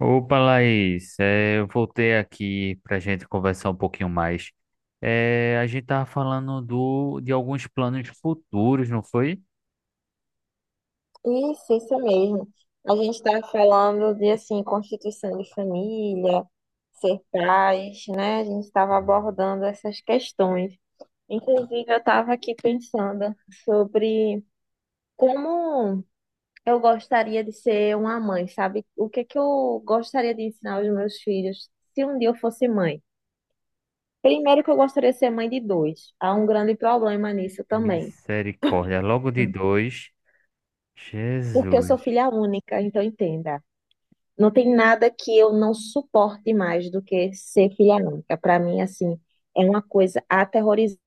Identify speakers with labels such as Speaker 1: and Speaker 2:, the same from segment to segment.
Speaker 1: Opa, Laís, eu voltei aqui para a gente conversar um pouquinho mais. A gente estava falando de alguns planos futuros, não foi?
Speaker 2: Isso mesmo. A gente está falando de assim, constituição de família, ser pais, né? A gente estava abordando essas questões. Inclusive, eu estava aqui pensando sobre como eu gostaria de ser uma mãe, sabe? O que é que eu gostaria de ensinar aos meus filhos se um dia eu fosse mãe? Primeiro que eu gostaria de ser mãe de dois. Há um grande problema nisso também,
Speaker 1: Misericórdia, logo de dois.
Speaker 2: porque eu sou
Speaker 1: Jesus.
Speaker 2: filha única, então entenda. Não tem nada que eu não suporte mais do que ser filha única. Para mim, assim, é uma coisa aterrorizante.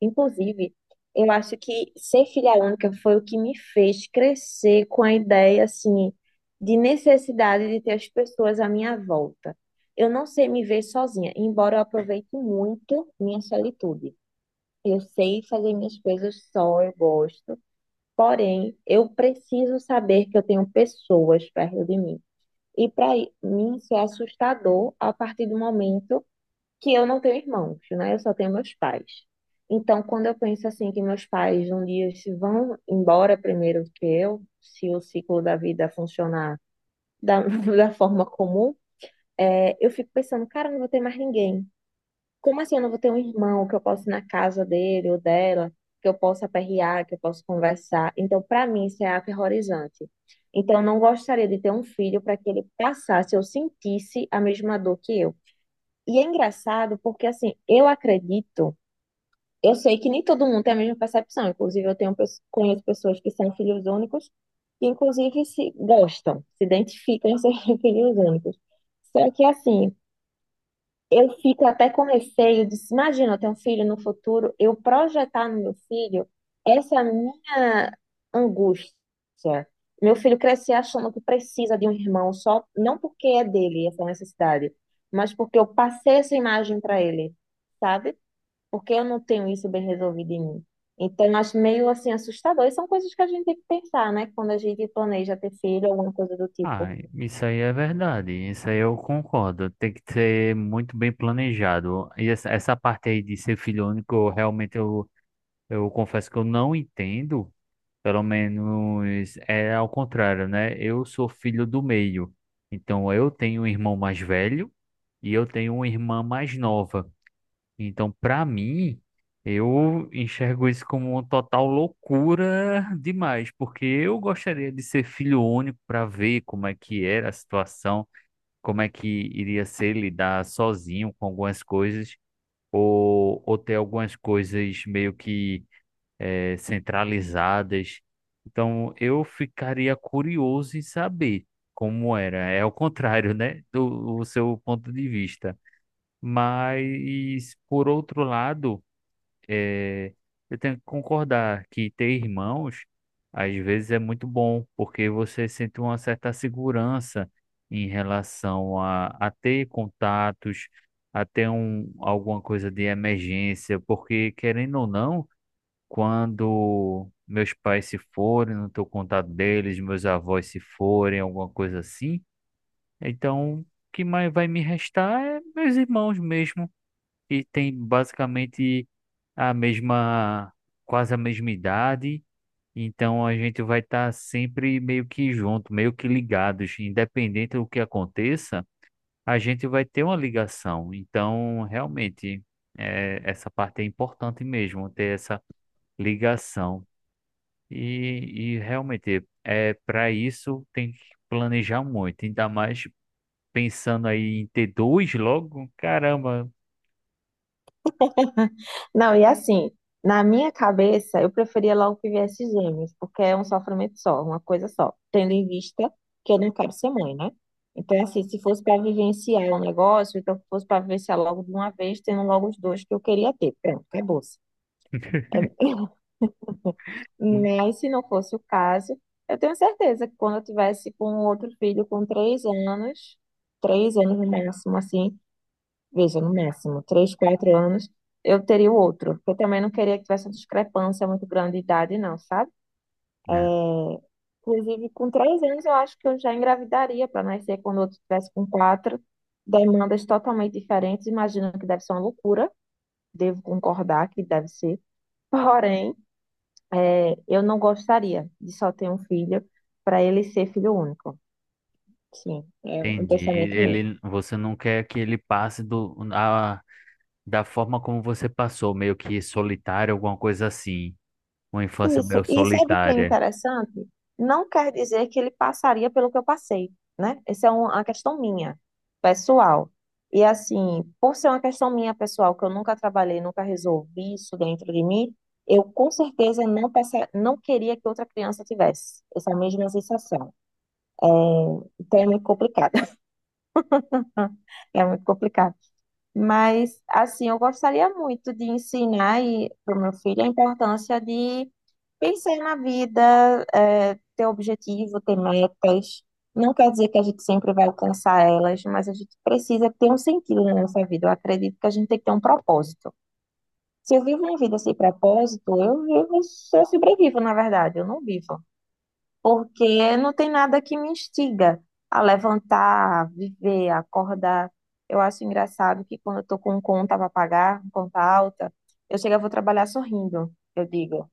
Speaker 2: Inclusive, eu acho que ser filha única foi o que me fez crescer com a ideia, assim, de necessidade de ter as pessoas à minha volta. Eu não sei me ver sozinha, embora eu aproveite muito minha solitude. Eu sei fazer minhas coisas só, eu gosto. Porém, eu preciso saber que eu tenho pessoas perto de mim e para mim isso é assustador a partir do momento que eu não tenho irmãos, né? Eu só tenho meus pais. Então, quando eu penso assim que meus pais um dia se vão embora primeiro que eu, se o ciclo da vida funcionar da, da forma comum, é, eu fico pensando, cara, eu não vou ter mais ninguém. Como assim eu não vou ter um irmão que eu possa ir na casa dele ou dela, que eu possa aperrear, que eu possa conversar? Então, para mim, isso é aterrorizante. Então, eu não gostaria de ter um filho para que ele passasse ou sentisse a mesma dor que eu. E é engraçado porque, assim, eu acredito, eu sei que nem todo mundo tem a mesma percepção. Inclusive, eu tenho, conheço pessoas que são filhos únicos e, inclusive, se gostam, se identificam em ser filhos únicos. Só que, assim, eu fico até com receio de, imagina, eu ter um filho no futuro, eu projetar no meu filho essa minha angústia. Meu filho crescer achando que precisa de um irmão só, não porque é dele essa necessidade, mas porque eu passei essa imagem para ele, sabe? Porque eu não tenho isso bem resolvido em mim. Então, eu acho meio assim assustador. E são coisas que a gente tem que pensar, né? Quando a gente planeja ter filho, alguma coisa do
Speaker 1: Ah,
Speaker 2: tipo.
Speaker 1: isso aí é verdade, isso aí eu concordo. Tem que ser muito bem planejado. E essa parte aí de ser filho único, eu realmente eu confesso que eu não entendo. Pelo menos é ao contrário, né? Eu sou filho do meio. Então eu tenho um irmão mais velho e eu tenho uma irmã mais nova. Então, para mim, eu enxergo isso como uma total loucura demais, porque eu gostaria de ser filho único para ver como é que era a situação, como é que iria ser lidar sozinho com algumas coisas ou ter algumas coisas meio que centralizadas. Então, eu ficaria curioso em saber como era. É o contrário, né, do seu ponto de vista. Mas, por outro lado, eh, eu tenho que concordar que ter irmãos, às vezes, é muito bom, porque você sente uma certa segurança em relação a ter contatos, a ter um, alguma coisa de emergência, porque, querendo ou não, quando meus pais se forem, não estou contato deles, meus avós se forem, alguma coisa assim. Então, o que mais vai me restar é meus irmãos mesmo, que tem basicamente a mesma, quase a mesma idade. Então, a gente vai estar sempre meio que junto, meio que ligados, independente do que aconteça, a gente vai ter uma ligação. Então, realmente, é, essa parte é importante mesmo, ter essa ligação. E realmente, é, para isso tem que planejar muito, ainda mais pensando aí em ter dois logo, caramba.
Speaker 2: Não, e assim, na minha cabeça, eu preferia logo que viesse gêmeos, porque é um sofrimento só, uma coisa só, tendo em vista que eu não quero ser mãe, né? Então, assim, se fosse para vivenciar um negócio, então que fosse para vivenciar logo de uma vez, tendo logo os dois que eu queria ter. Pronto, acabou-se.
Speaker 1: Hum.
Speaker 2: Mas se não fosse o caso, eu tenho certeza que quando eu tivesse com outro filho com três anos no máximo, assim, veja, no máximo, três, quatro anos, eu teria o outro. Porque eu também não queria que tivesse uma discrepância muito grande de idade, não, sabe?
Speaker 1: É,
Speaker 2: Inclusive, com três anos, eu acho que eu já engravidaria para nascer quando o outro tivesse com quatro. Demandas totalmente diferentes, imagino que deve ser uma loucura, devo concordar que deve ser. Porém, é, eu não gostaria de só ter um filho para ele ser filho único. Sim, é um
Speaker 1: entendi.
Speaker 2: pensamento meu.
Speaker 1: Ele, você não quer que ele passe do, a, da forma como você passou, meio que solitário, alguma coisa assim. Uma infância
Speaker 2: Isso,
Speaker 1: meio
Speaker 2: e sabe o que é
Speaker 1: solitária.
Speaker 2: interessante? Não quer dizer que ele passaria pelo que eu passei, né? Essa é uma questão minha, pessoal. E assim, por ser uma questão minha pessoal, que eu nunca trabalhei, nunca resolvi isso dentro de mim, eu com certeza não passa, não queria que outra criança tivesse essa mesma sensação. Então é muito complicado. É muito complicado. Mas, assim, eu gostaria muito de ensinar para o meu filho a importância de pensar na vida, é, ter objetivo, ter metas. Não quer dizer que a gente sempre vai alcançar elas, mas a gente precisa ter um sentido na nossa vida. Eu acredito que a gente tem que ter um propósito. Se eu vivo minha vida sem propósito, eu vivo, eu sobrevivo, na verdade, eu não vivo porque não tem nada que me instiga a levantar, a viver, a acordar. Eu acho engraçado que quando eu tô com um conta para pagar, um conta alta, eu chego, eu vou trabalhar sorrindo, eu digo.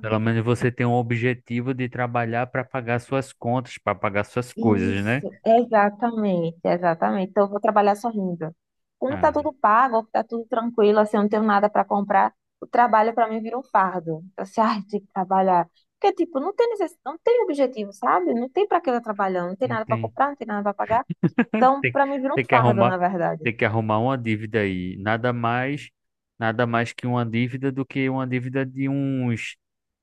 Speaker 1: Pelo menos você tem um objetivo de trabalhar para pagar suas contas, para pagar suas coisas, né?
Speaker 2: Isso, exatamente, exatamente. Então, eu vou trabalhar sorrindo. Quando tá
Speaker 1: Ah,
Speaker 2: tudo pago, tá tudo tranquilo, assim, eu não tenho nada para comprar, o trabalho para mim vira um fardo. Então, assim, ai, tem que trabalhar. Porque, tipo, não tem objetivo, sabe? Não tem para que eu tô trabalhando, não tem
Speaker 1: não
Speaker 2: nada para
Speaker 1: tem.
Speaker 2: comprar, não tem nada para pagar. Então,
Speaker 1: Tem que,
Speaker 2: para mim, vira
Speaker 1: tem
Speaker 2: um
Speaker 1: que
Speaker 2: fardo,
Speaker 1: arrumar,
Speaker 2: na verdade.
Speaker 1: tem que arrumar uma dívida aí. Nada mais que uma dívida do que uma dívida de uns,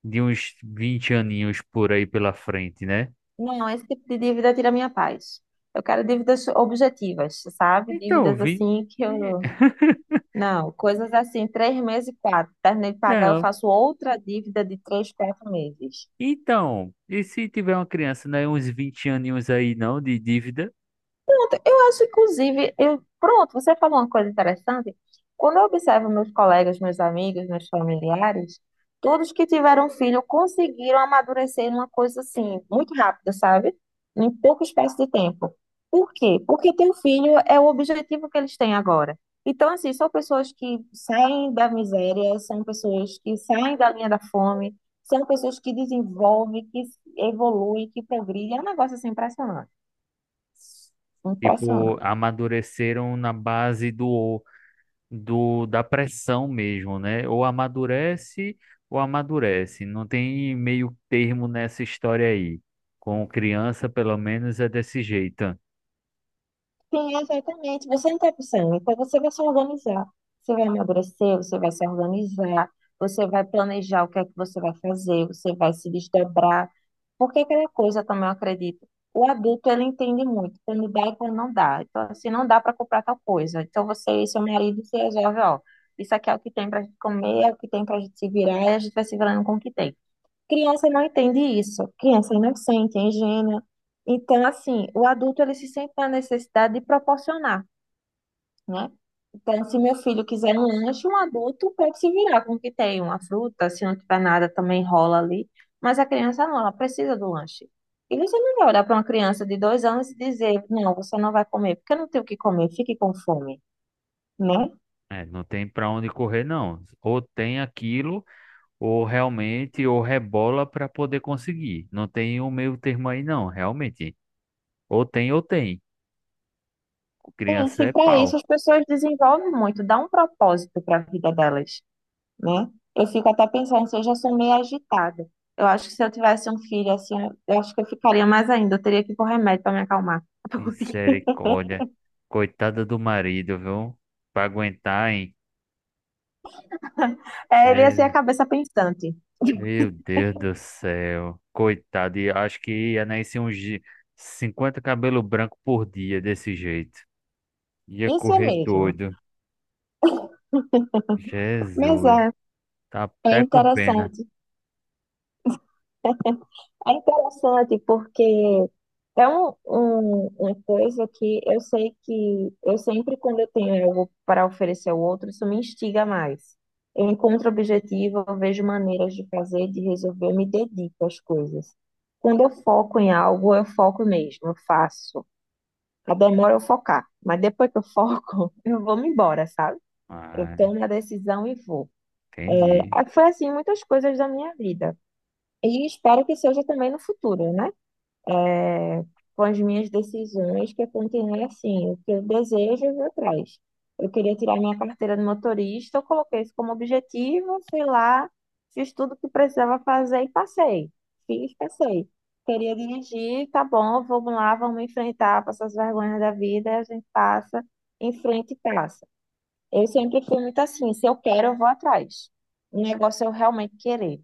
Speaker 1: de uns 20 aninhos por aí pela frente, né?
Speaker 2: Não, esse tipo de dívida tira minha paz. Eu quero dívidas objetivas, sabe?
Speaker 1: Então,
Speaker 2: Dívidas
Speaker 1: vi.
Speaker 2: assim que
Speaker 1: e-
Speaker 2: eu. Não, coisas assim, três meses e quatro. Terminei de pagar, eu
Speaker 1: Não.
Speaker 2: faço outra dívida de três, quatro meses.
Speaker 1: Então, e se tiver uma criança, né, uns 20 aninhos aí não de dívida,
Speaker 2: Pronto, eu acho, inclusive, eu, pronto, você falou uma coisa interessante. Quando eu observo meus colegas, meus amigos, meus familiares, todos que tiveram um filho conseguiram amadurecer numa coisa assim, muito rápida, sabe? Em pouco espaço de tempo. Por quê? Porque ter um filho é o objetivo que eles têm agora. Então, assim, são pessoas que saem da miséria, são pessoas que saem da linha da fome, são pessoas que desenvolvem, que evoluem, que progridem. É um negócio assim impressionante.
Speaker 1: tipo,
Speaker 2: Impressionante.
Speaker 1: amadureceram na base do, do da pressão mesmo, né? Ou amadurece ou amadurece. Não tem meio termo nessa história aí. Com criança, pelo menos, é desse jeito.
Speaker 2: Sim, exatamente. Você não tem opção. Então você vai se organizar. Você vai emagrecer, você vai se organizar, você vai planejar o que é que você vai fazer, você vai se desdobrar. Porque aquela coisa também eu acredito. O adulto ele entende muito quando dá e quando não dá. Então, assim, não dá para comprar tal coisa. Então você e seu marido se resolve, ó. Isso aqui é o que tem para a gente comer, é o que tem para a gente se virar, e a gente vai se virando com o que tem. Criança não entende isso. Criança é inocente, é ingênua. Então, assim, o adulto ele se sente na necessidade de proporcionar, né? Então, se meu filho quiser um lanche, um adulto pode se virar com o que tem, uma fruta, se não tiver nada, também rola ali. Mas a criança não, ela precisa do lanche. E você não vai olhar para uma criança de dois anos e dizer, não, você não vai comer, porque eu não tenho o que comer, fique com fome, né?
Speaker 1: É, não tem para onde correr, não. Ou tem aquilo, ou realmente, ou rebola para poder conseguir. Não tem um meio termo aí, não, realmente. Ou tem, ou tem.
Speaker 2: E
Speaker 1: Criança
Speaker 2: se
Speaker 1: é
Speaker 2: para isso
Speaker 1: pau.
Speaker 2: as pessoas desenvolvem muito, dá um propósito para a vida delas. Né? Eu fico até pensando se eu já sou meio agitada. Eu acho que se eu tivesse um filho assim, eu acho que eu ficaria mais ainda. Eu teria que ir com remédio para me acalmar.
Speaker 1: Misericórdia. Coitada do marido, viu? Para aguentar, hein?
Speaker 2: É, ele ia ser a cabeça pensante.
Speaker 1: Meu Deus do céu. Coitado, e acho que ia nascer 50 cabelo branco por dia desse jeito. Ia
Speaker 2: Isso é
Speaker 1: correr
Speaker 2: mesmo.
Speaker 1: doido. Jesus.
Speaker 2: Mas é,
Speaker 1: Tá
Speaker 2: é
Speaker 1: até com pena.
Speaker 2: interessante. É interessante porque é uma coisa que eu sei que eu sempre, quando eu tenho algo para oferecer ao outro, isso me instiga mais. Eu encontro objetivo, eu vejo maneiras de fazer, de resolver, eu me dedico às coisas. Quando eu foco em algo, eu foco mesmo, eu faço. A demora é eu focar, mas depois que eu foco, eu vou me embora, sabe? Eu
Speaker 1: Ah,
Speaker 2: tomo a decisão e vou.
Speaker 1: entendi.
Speaker 2: É, foi assim muitas coisas da minha vida. E espero que seja também no futuro, né? é, com as minhas decisões, que eu continuei assim, o que eu desejo, eu vou atrás. Eu queria tirar minha carteira de motorista, eu coloquei isso como objetivo, fui lá, fiz tudo o que precisava fazer e passei. Fiz, passei. Queria dirigir, tá bom, vamos lá, vamos enfrentar, passar as vergonhas da vida, a gente passa, enfrenta e passa. Eu sempre fui muito assim, se eu quero, eu vou atrás. O negócio é eu realmente querer.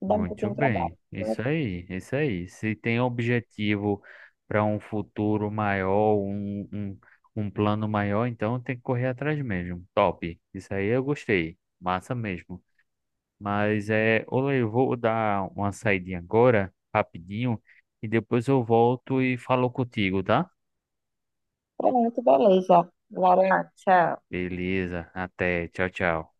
Speaker 2: Dá um
Speaker 1: Muito
Speaker 2: pouquinho de
Speaker 1: bem.
Speaker 2: trabalho.
Speaker 1: Isso aí, isso aí. Se tem objetivo para um futuro maior, um plano maior, então tem que correr atrás mesmo. Top. Isso aí eu gostei. Massa mesmo. Mas é, olha, eu vou dar uma saidinha agora, rapidinho, e depois eu volto e falo contigo, tá?
Speaker 2: Pronto, beleza. Laura, tchau.
Speaker 1: Beleza, até, tchau, tchau.